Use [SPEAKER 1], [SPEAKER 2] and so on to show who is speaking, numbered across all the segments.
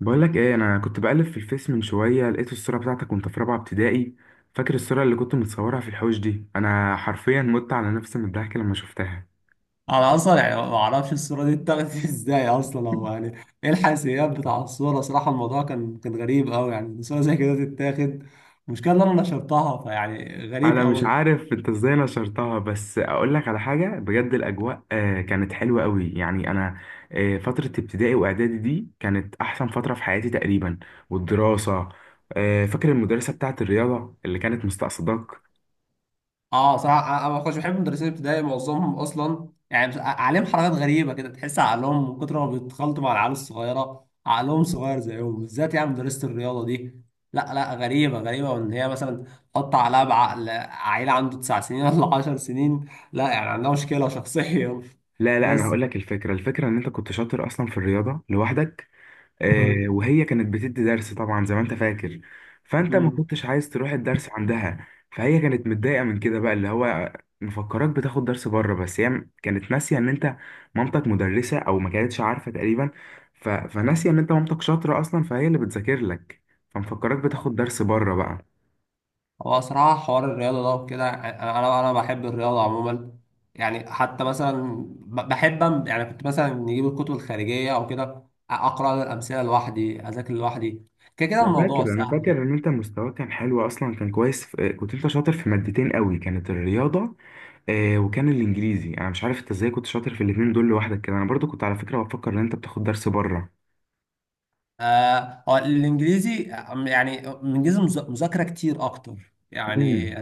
[SPEAKER 1] بقول لك ايه، انا كنت بقلب في الفيس من شويه، لقيت الصوره بتاعتك وانت في رابعه ابتدائي. فاكر الصوره اللي كنت متصورها في الحوش دي؟ انا حرفيا مت على نفسي من الضحك لما شفتها.
[SPEAKER 2] انا اصلا يعني ما اعرفش الصوره دي اتاخدت ازاي اصلا او يعني ايه الحساسيات بتاع الصوره صراحه. الموضوع كان غريب قوي، يعني صوره زي كده تتاخد. المشكله ان انا نشرتها فيعني غريب
[SPEAKER 1] انا مش
[SPEAKER 2] قوي.
[SPEAKER 1] عارف انت ازاي نشرتها، بس اقول لك على حاجه بجد، الاجواء كانت حلوه قوي، يعني انا فتره ابتدائي واعدادي دي كانت احسن فتره في حياتي تقريبا. والدراسه. فاكر المدرسه بتاعت الرياضه اللي كانت مستقصداك؟
[SPEAKER 2] اه صراحة انا ما كنتش بحب المدرسين الابتدائي، معظمهم اصلا يعني عليهم حركات غريبة كده، تحس عقلهم من كتر ما بيتخلطوا مع العيال الصغيرة عقلهم صغير زيهم، بالذات يعني مدرسة الرياضة دي. لا لا، غريبة غريبة، وان هي مثلا تقطع عليها بعقل عيل عنده 9 سنين ولا 10 سنين، لا يعني عندها مشكلة شخصيا.
[SPEAKER 1] لا، لا، انا
[SPEAKER 2] بس.
[SPEAKER 1] هقول لك الفكره ان انت كنت شاطر اصلا في الرياضه لوحدك.
[SPEAKER 2] مم.
[SPEAKER 1] وهي كانت بتدي درس طبعا زي ما انت فاكر. فانت ما
[SPEAKER 2] مم.
[SPEAKER 1] كنتش عايز تروح الدرس عندها، فهي كانت متضايقه من كده بقى، اللي هو مفكراك بتاخد درس بره، بس هي كانت ناسيه ان انت مامتك مدرسه، او ما كانتش عارفه تقريبا. فناسيه ان انت مامتك شاطره اصلا، فهي اللي بتذاكر لك. فمفكراك بتاخد درس بره بقى.
[SPEAKER 2] هو صراحة حوار الرياضة ده وكده أنا بحب الرياضة عموما، يعني حتى مثلا بحب، يعني كنت مثلا نجيب الكتب الخارجية أو كده، أقرأ الأمثلة لوحدي، أذاكر لوحدي، كده كده
[SPEAKER 1] انا
[SPEAKER 2] الموضوع
[SPEAKER 1] فاكر انا
[SPEAKER 2] سهل
[SPEAKER 1] فاكر
[SPEAKER 2] يعني.
[SPEAKER 1] ان انت مستواك كان حلو اصلا، كان كويس كنت انت شاطر في مادتين قوي، كانت الرياضه وكان الانجليزي. انا مش عارف انت ازاي كنت شاطر في الاتنين دول لوحدك كده، انا برضو كنت على فكره بفكر ان انت بتاخد درس بره.
[SPEAKER 2] آه هو الإنجليزي، يعني الإنجليزي مذاكرة كتير أكتر يعني.
[SPEAKER 1] امم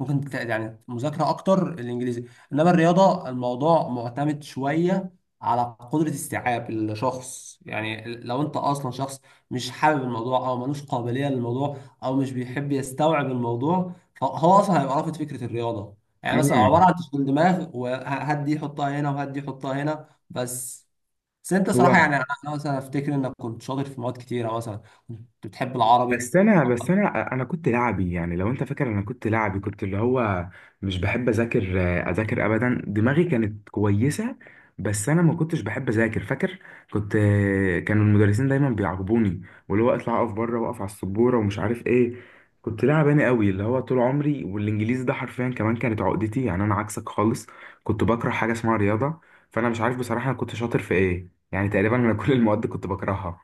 [SPEAKER 2] ممكن يعني مذاكرة أكتر الإنجليزي. إنما الرياضة الموضوع معتمد شوية على قدرة استيعاب الشخص، يعني لو أنت أصلا شخص مش حابب الموضوع أو ملوش قابلية للموضوع، أو مش بيحب يستوعب الموضوع، فهو أصلا هيبقى رافض فكرة الرياضة، يعني مثلا عبارة
[SPEAKER 1] امم
[SPEAKER 2] عن تشغيل دماغ وهات دي حطها هنا وهات دي حطها هنا بس أنت صراحة
[SPEAKER 1] هو،
[SPEAKER 2] يعني، أنا مثلا أفتكر إنك كنت شاطر في مواد كتيرة، مثلا كنت بتحب العربي.
[SPEAKER 1] بس انا كنت لعبي، يعني لو انت فاكر، انا كنت لعبي، كنت اللي هو مش بحب اذاكر، اذاكر ابدا، دماغي كانت كويسه، بس انا ما كنتش بحب اذاكر، فاكر؟ كنت، كانوا المدرسين دايما بيعاقبوني، واللي هو اطلع اقف بره، واقف على السبوره، ومش عارف ايه. كنت لاعباني قوي اللي هو طول عمري، والانجليزي ده حرفيا كمان كانت عقدتي، يعني انا عكسك خالص. كنت بكره حاجه اسمها رياضه. فانا مش عارف بصراحه انا كنت شاطر في ايه يعني، تقريبا انا كل المواد كنت بكرهها.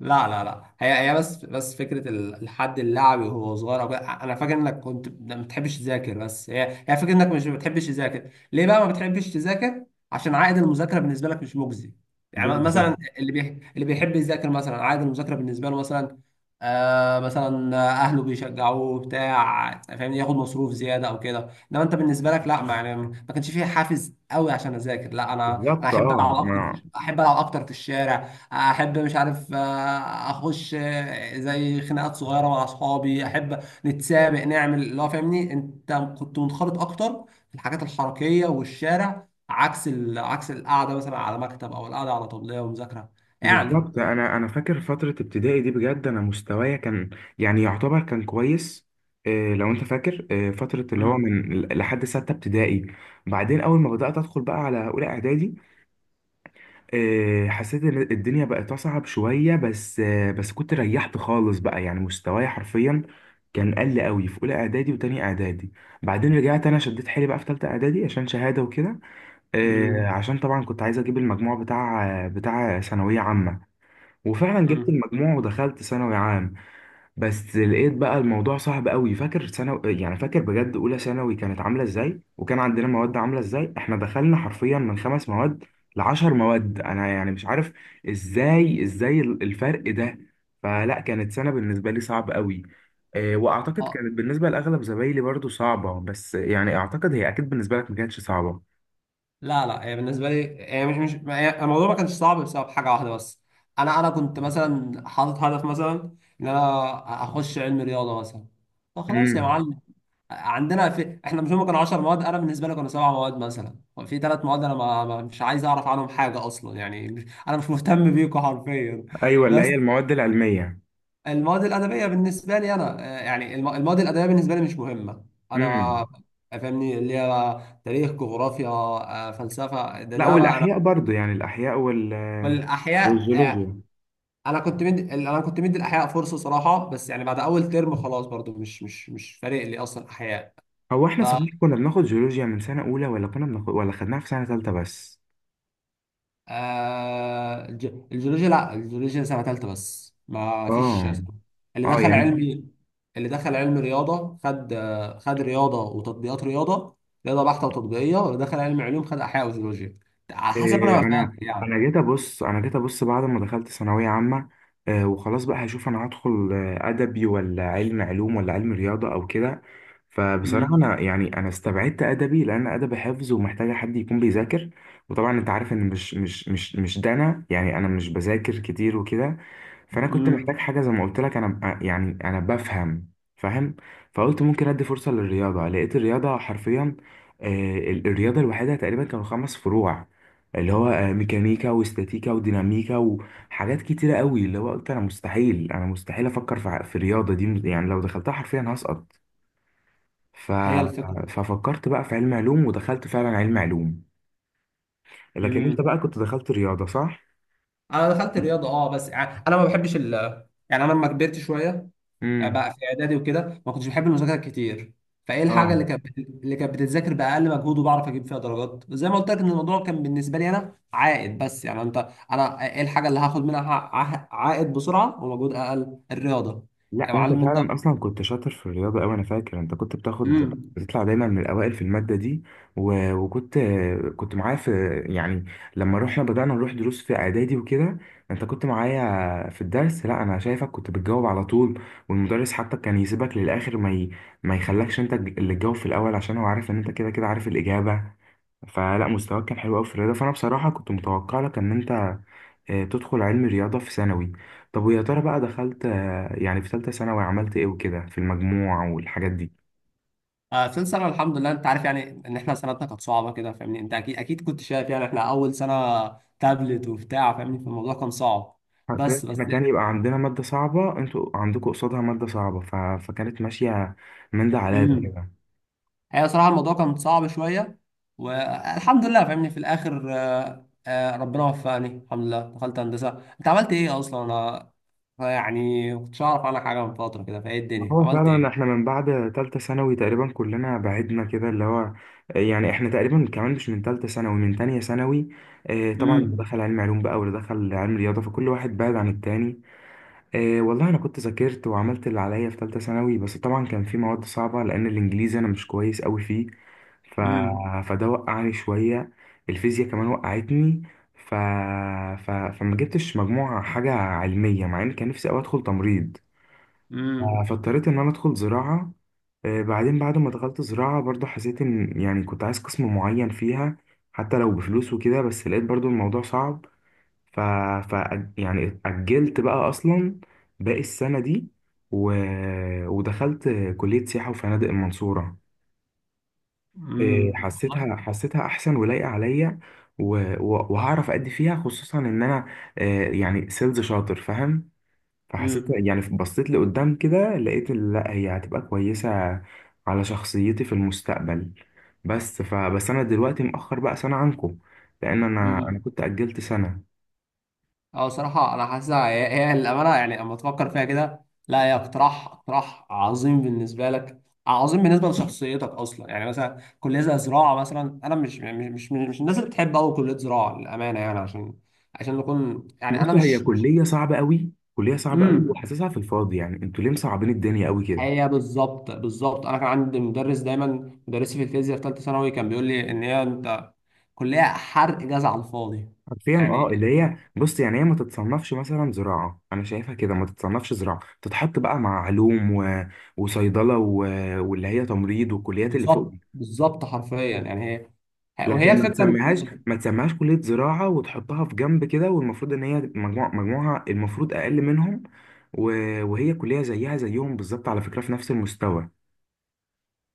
[SPEAKER 2] لا لا لا، هي بس فكره الحد اللعبي وهو صغير أو كده، انا فاكر انك كنت ما بتحبش تذاكر، بس هي فكره انك مش بتحبش تذاكر، ليه بقى ما بتحبش تذاكر؟ عشان عائد المذاكره بالنسبه لك مش مجزي. يعني
[SPEAKER 1] بالظبط،
[SPEAKER 2] مثلا اللي بيحب يذاكر مثلا عائد المذاكره بالنسبه له مثلا، آه مثلا اهله بيشجعوه بتاع فاهمني، ياخد مصروف زياده او كده. انما انت بالنسبه لك لا، ما يعني ما كانش فيه حافز قوي عشان اذاكر، لا انا
[SPEAKER 1] بالظبط،
[SPEAKER 2] احب
[SPEAKER 1] اه،
[SPEAKER 2] العب اكتر
[SPEAKER 1] ما
[SPEAKER 2] احب العب اكتر في الشارع، احب مش عارف، اخش زي خناقات صغيره مع اصحابي، احب نتسابق نعمل اللي هو فاهمني، انت كنت منخرط اكتر في الحاجات الحركيه والشارع، عكس القعده مثلا على مكتب او القعده على طبليه ومذاكره يعني.
[SPEAKER 1] بالظبط، انا فاكر فتره ابتدائي دي، بجد انا مستوايا كان يعني يعتبر كان كويس. إيه، لو انت فاكر إيه فتره، اللي هو
[SPEAKER 2] امم.
[SPEAKER 1] من لحد سته ابتدائي. بعدين اول ما بدات ادخل بقى على اولى اعدادي، إيه، حسيت ان الدنيا بقت اصعب شويه، بس بس كنت ريحت خالص بقى، يعني مستوايا حرفيا كان قل قوي في اولى اعدادي وتاني اعدادي. بعدين رجعت، انا شديت حيلي بقى في تالته اعدادي عشان شهاده وكده. إيه،
[SPEAKER 2] امم.
[SPEAKER 1] عشان طبعا كنت عايز اجيب المجموع بتاع ثانويه عامه. وفعلا جبت
[SPEAKER 2] امم.
[SPEAKER 1] المجموع ودخلت ثانوي عام. بس لقيت بقى الموضوع صعب قوي، فاكر ثانوي؟ يعني فاكر بجد اولى ثانوي كانت عامله ازاي، وكان عندنا مواد عامله ازاي؟ احنا دخلنا حرفيا من 5 مواد ل10 مواد، انا يعني مش عارف ازاي الفرق ده. فلا، كانت سنه بالنسبه لي صعب قوي. واعتقد
[SPEAKER 2] اه.
[SPEAKER 1] كانت بالنسبه لاغلب زمايلي برضو صعبه، بس يعني اعتقد هي اكيد بالنسبه لك ما كانتش صعبه.
[SPEAKER 2] لا لا. هي بالنسبه لي، هي مش ما هي- الموضوع ما كانش صعب بسبب حاجه واحده بس. انا كنت مثلا حاطط هدف مثلا ان انا اخش علم رياضه مثلا، فخلاص يا
[SPEAKER 1] امم،
[SPEAKER 2] معلم. عندنا في احنا، مش هم كانوا 10 مواد، انا بالنسبه لي كانوا 7 مواد مثلا، في 3 مواد انا ما... ما مش عايز اعرف عنهم حاجه اصلا، يعني مش... انا مش مهتم بيكم حرفيا.
[SPEAKER 1] ايوه، اللي
[SPEAKER 2] بس
[SPEAKER 1] هي المواد العلميه.
[SPEAKER 2] المواد الادبيه بالنسبه لي انا، يعني المواد الادبيه بالنسبه لي مش مهمه،
[SPEAKER 1] امم،
[SPEAKER 2] انا فاهمني اللي هي تاريخ، جغرافيا، فلسفه، ده
[SPEAKER 1] لا،
[SPEAKER 2] ده بقى انا.
[SPEAKER 1] والاحياء برضو يعني الاحياء وال
[SPEAKER 2] والاحياء
[SPEAKER 1] والجيولوجيا.
[SPEAKER 2] انا كنت مدي الاحياء فرصه صراحه، بس يعني بعد اول ترم خلاص برضو مش فارق لي اصلا احياء.
[SPEAKER 1] هو احنا صحيح كنا بناخد جيولوجيا من سنة أولى، ولا كنا بناخد، ولا خدناها في سنة تالتة بس؟
[SPEAKER 2] آه الجيولوجيا، لا الجيولوجيا سنة تالتة بس، ما فيش سنة.
[SPEAKER 1] اه،
[SPEAKER 2] اللي
[SPEAKER 1] اه،
[SPEAKER 2] دخل
[SPEAKER 1] يعني
[SPEAKER 2] علمي، اللي دخل علم رياضة خد رياضة وتطبيقات رياضة، رياضة بحتة وتطبيقية، واللي دخل علم علوم خد أحياء وجيولوجيا، على حسب أنا
[SPEAKER 1] إيه،
[SPEAKER 2] ما
[SPEAKER 1] انا
[SPEAKER 2] فاكر يعني.
[SPEAKER 1] انا جيت ابص انا جيت ابص بعد ما دخلت ثانويه عامه، وخلاص بقى هشوف انا هدخل ادبي ولا علم علوم ولا علم رياضه او كده. فبصراحه،
[SPEAKER 2] امم.
[SPEAKER 1] انا يعني انا استبعدت ادبي، لان ادبي حفظ ومحتاجه حد يكون بيذاكر. وطبعا انت عارف ان مش ده، انا يعني انا مش بذاكر كتير وكده. فانا كنت محتاج
[SPEAKER 2] امم.
[SPEAKER 1] حاجه، زي ما قلت لك، انا يعني انا بفهم، فاهم. فقلت ممكن ادي فرصه للرياضه، لقيت الرياضه حرفيا الرياضه الوحيده تقريبا كانوا 5 فروع، اللي هو ميكانيكا واستاتيكا وديناميكا وحاجات كتيرة قوي، اللي هو قلت انا مستحيل افكر في في الرياضة دي، يعني لو دخلتها حرفيا هسقط. ف...
[SPEAKER 2] هي الفكرة.
[SPEAKER 1] ففكرت بقى في علم علوم، ودخلت فعلا علم علوم. لكن انت
[SPEAKER 2] امم.
[SPEAKER 1] بقى كنت دخلت رياضة، صح؟
[SPEAKER 2] أنا دخلت رياضة، بس يعني أنا ما بحبش يعني أنا لما كبرت شوية،
[SPEAKER 1] امم،
[SPEAKER 2] بقى في اعدادي وكده ما كنتش بحب المذاكره كتير، فايه الحاجه
[SPEAKER 1] اه،
[SPEAKER 2] اللي كانت بتتذاكر باقل مجهود وبعرف اجيب فيها درجات، زي ما قلت لك ان الموضوع كان بالنسبه لي انا عائد، بس يعني انا ايه الحاجه اللي هاخد منها عائد بسرعه ومجهود اقل؟ الرياضه
[SPEAKER 1] لا،
[SPEAKER 2] يا
[SPEAKER 1] وانت
[SPEAKER 2] معلم انت.
[SPEAKER 1] فعلا اصلا كنت شاطر في الرياضه قوي، انا فاكر انت كنت
[SPEAKER 2] امم.
[SPEAKER 1] بتطلع دايما من الاوائل في الماده دي. وكنت كنت معايا في يعني لما رحنا بدانا نروح دروس في اعدادي وكده، انت كنت معايا في الدرس، لا انا شايفك كنت بتجاوب على طول، والمدرس حتى كان يسيبك للاخر، ما يخلكش انت اللي تجاوب في الاول عشان هو عارف ان انت كده كده عارف الاجابه. فلا، مستواك كان حلو قوي في الرياضه، فانا بصراحه كنت متوقع لك ان انت تدخل علم رياضه في ثانوي. طب ويا ترى بقى دخلت، يعني في ثالثة ثانوي عملت ايه وكده في المجموع والحاجات دي؟
[SPEAKER 2] آه ثالث سنه الحمد لله. انت عارف يعني ان احنا سنتنا كانت صعبه كده فاهمني، انت اكيد اكيد كنت شايف، يعني احنا اول سنه تابلت وبتاع فاهمني، فالموضوع كان صعب.
[SPEAKER 1] عارفين
[SPEAKER 2] بس
[SPEAKER 1] احنا كان يبقى عندنا مادة صعبة، انتوا عندكم قصادها مادة صعبة، فكانت ماشية من ده على ده
[SPEAKER 2] مم.
[SPEAKER 1] كده.
[SPEAKER 2] هي صراحة الموضوع كان صعب شوية، والحمد لله فاهمني في الآخر، ربنا وفقني الحمد لله دخلت هندسة. أنت عملت إيه أصلا؟ أنا يعني ما كنتش أعرف عنك حاجة من فترة كده، فإيه
[SPEAKER 1] ما
[SPEAKER 2] الدنيا
[SPEAKER 1] هو
[SPEAKER 2] عملت
[SPEAKER 1] فعلا احنا
[SPEAKER 2] إيه؟
[SPEAKER 1] من بعد تالتة ثانوي تقريبا كلنا بعدنا كده، اللي هو يعني احنا تقريبا كمان مش من تالتة ثانوي، من تانية ثانوي. اه، طبعا اللي
[SPEAKER 2] امم.
[SPEAKER 1] دخل علم علوم بقى، واللي دخل علم رياضة، فكل واحد بعد عن التاني. إيه والله، انا كنت ذاكرت وعملت اللي عليا في ثالثه ثانوي، بس طبعا كان في مواد صعبه لان الانجليزي انا مش كويس قوي فيه. ف...
[SPEAKER 2] امم.
[SPEAKER 1] فده وقعني شويه، الفيزياء كمان وقعتني. ف... فما جبتش مجموعه حاجه علميه، مع ان كان نفسي قوي ادخل تمريض. ف-
[SPEAKER 2] امم.
[SPEAKER 1] فاضطريت ان انا ادخل زراعه. إيه، بعدين بعد ما دخلت زراعه برضو حسيت ان يعني كنت عايز قسم معين فيها، حتى لو بفلوس وكده، بس لقيت برضو الموضوع صعب. ف... ف يعني أجلت بقى أصلا باقي السنة دي، و... ودخلت كلية سياحة وفنادق المنصورة. إيه،
[SPEAKER 2] والله.
[SPEAKER 1] حسيتها أحسن ولايقة عليا، و... وهعرف أدي فيها خصوصا إن أنا آه، يعني سيلز شاطر، فاهم؟ فحسيت، يعني بصيت لقدام كده، لقيت لا هي هتبقى كويسة على شخصيتي في المستقبل. بس فبس أنا دلوقتي مأخر بقى سنة عنكم، لأن أنا
[SPEAKER 2] امم.
[SPEAKER 1] كنت أجلت سنة.
[SPEAKER 2] اه صراحة أنا حاسسها هي الأمانة، يعني لما تفكر فيها كده، لا هي اقتراح، اقتراح عظيم بالنسبة لك، عظيم بالنسبة لشخصيتك أصلا، يعني مثلا كلية زي زراعة مثلا، أنا مش الناس اللي بتحب أوي كلية زراعة للأمانة، يعني عشان نكون يعني أنا
[SPEAKER 1] بصوا، هي
[SPEAKER 2] مش
[SPEAKER 1] كلية صعبة قوي، كلية صعبة قوي،
[SPEAKER 2] امم.
[SPEAKER 1] وحاسسها في الفاضي، يعني انتوا ليه مصعبين الدنيا قوي كده؟
[SPEAKER 2] هي بالظبط بالظبط، أنا كان عندي مدرس دايما، مدرسي في الفيزياء في ثالثة ثانوي كان بيقول لي إن هي أنت كلية حرق جزع على الفاضي
[SPEAKER 1] حرفيا
[SPEAKER 2] يعني.
[SPEAKER 1] اه، اللي هي بص، يعني هي ما تتصنفش مثلا زراعة، انا شايفها كده ما تتصنفش زراعة، تتحط بقى مع علوم وصيدلة واللي هي تمريض والكليات اللي فوق
[SPEAKER 2] بالظبط
[SPEAKER 1] دي.
[SPEAKER 2] بالظبط حرفيا يعني، هي وهي
[SPEAKER 1] لكن ما
[SPEAKER 2] الفكرة،
[SPEAKER 1] تسميهاش ما تسميهاش كلية زراعة وتحطها في جنب كده، والمفروض ان هي مجموعها المفروض اقل منهم. و... وهي كلية زيها زيهم بالظبط، على فكرة في نفس المستوى.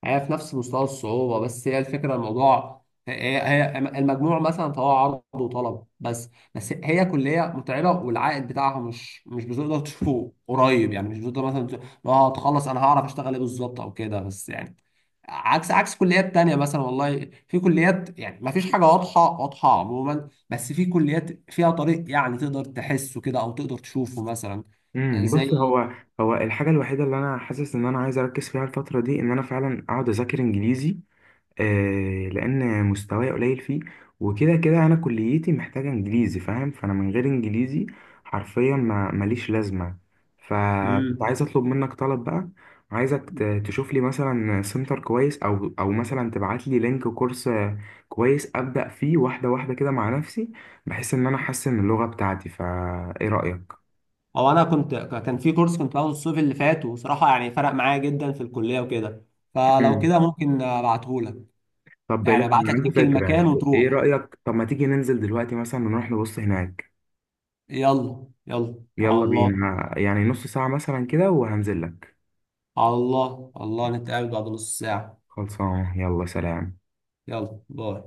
[SPEAKER 2] هي في نفس مستوى الصعوبة، بس هي الفكرة الموضوع، هي المجموع مثلا فهو عرض وطلب، بس هي كلية متعبة، والعائد بتاعها مش بتقدر تشوفه قريب، يعني مش بتقدر مثلا تقول لو هتخلص انا هعرف اشتغل ايه بالظبط او كده، بس يعني عكس كليات تانية مثلا، والله في كليات يعني ما فيش حاجة واضحة، واضحة عموما، بس في كليات فيها طريق يعني تقدر تحسه كده او تقدر تشوفه مثلا،
[SPEAKER 1] بص،
[SPEAKER 2] زي
[SPEAKER 1] هو الحاجة الوحيدة اللي أنا حاسس إن أنا عايز أركز فيها الفترة دي، إن أنا فعلا أقعد أذاكر إنجليزي، لأن مستواي قليل فيه. وكده كده أنا كليتي محتاجة إنجليزي، فاهم؟ فأنا من غير إنجليزي حرفيا ما ماليش لازمة. فكنت
[SPEAKER 2] مم.
[SPEAKER 1] عايز أطلب منك طلب بقى، عايزك تشوف لي مثلا سنتر كويس، أو مثلا تبعت لي لينك كورس كويس أبدأ فيه واحدة واحدة كده مع نفسي، بحيث إن أنا أحسن من اللغة بتاعتي. فإيه رأيك؟
[SPEAKER 2] او انا كنت كان في كورس كنت باخده الصيف اللي فات، وصراحه يعني فرق معايا جدا في الكليه وكده، فلو كده ممكن ابعتهولك
[SPEAKER 1] طب لا،
[SPEAKER 2] يعني، ابعت
[SPEAKER 1] انا
[SPEAKER 2] لك
[SPEAKER 1] عندي
[SPEAKER 2] لينك المكان
[SPEAKER 1] فكره، ايه
[SPEAKER 2] وتروح.
[SPEAKER 1] رايك طب ما تيجي ننزل دلوقتي، مثلا نروح نبص هناك.
[SPEAKER 2] يلا يلا، على
[SPEAKER 1] يلا
[SPEAKER 2] الله
[SPEAKER 1] بينا، يعني نص ساعه مثلا كده وهنزل لك.
[SPEAKER 2] على الله على الله، نتقابل بعد نص ساعه.
[SPEAKER 1] خلصان، يلا سلام.
[SPEAKER 2] يلا باي.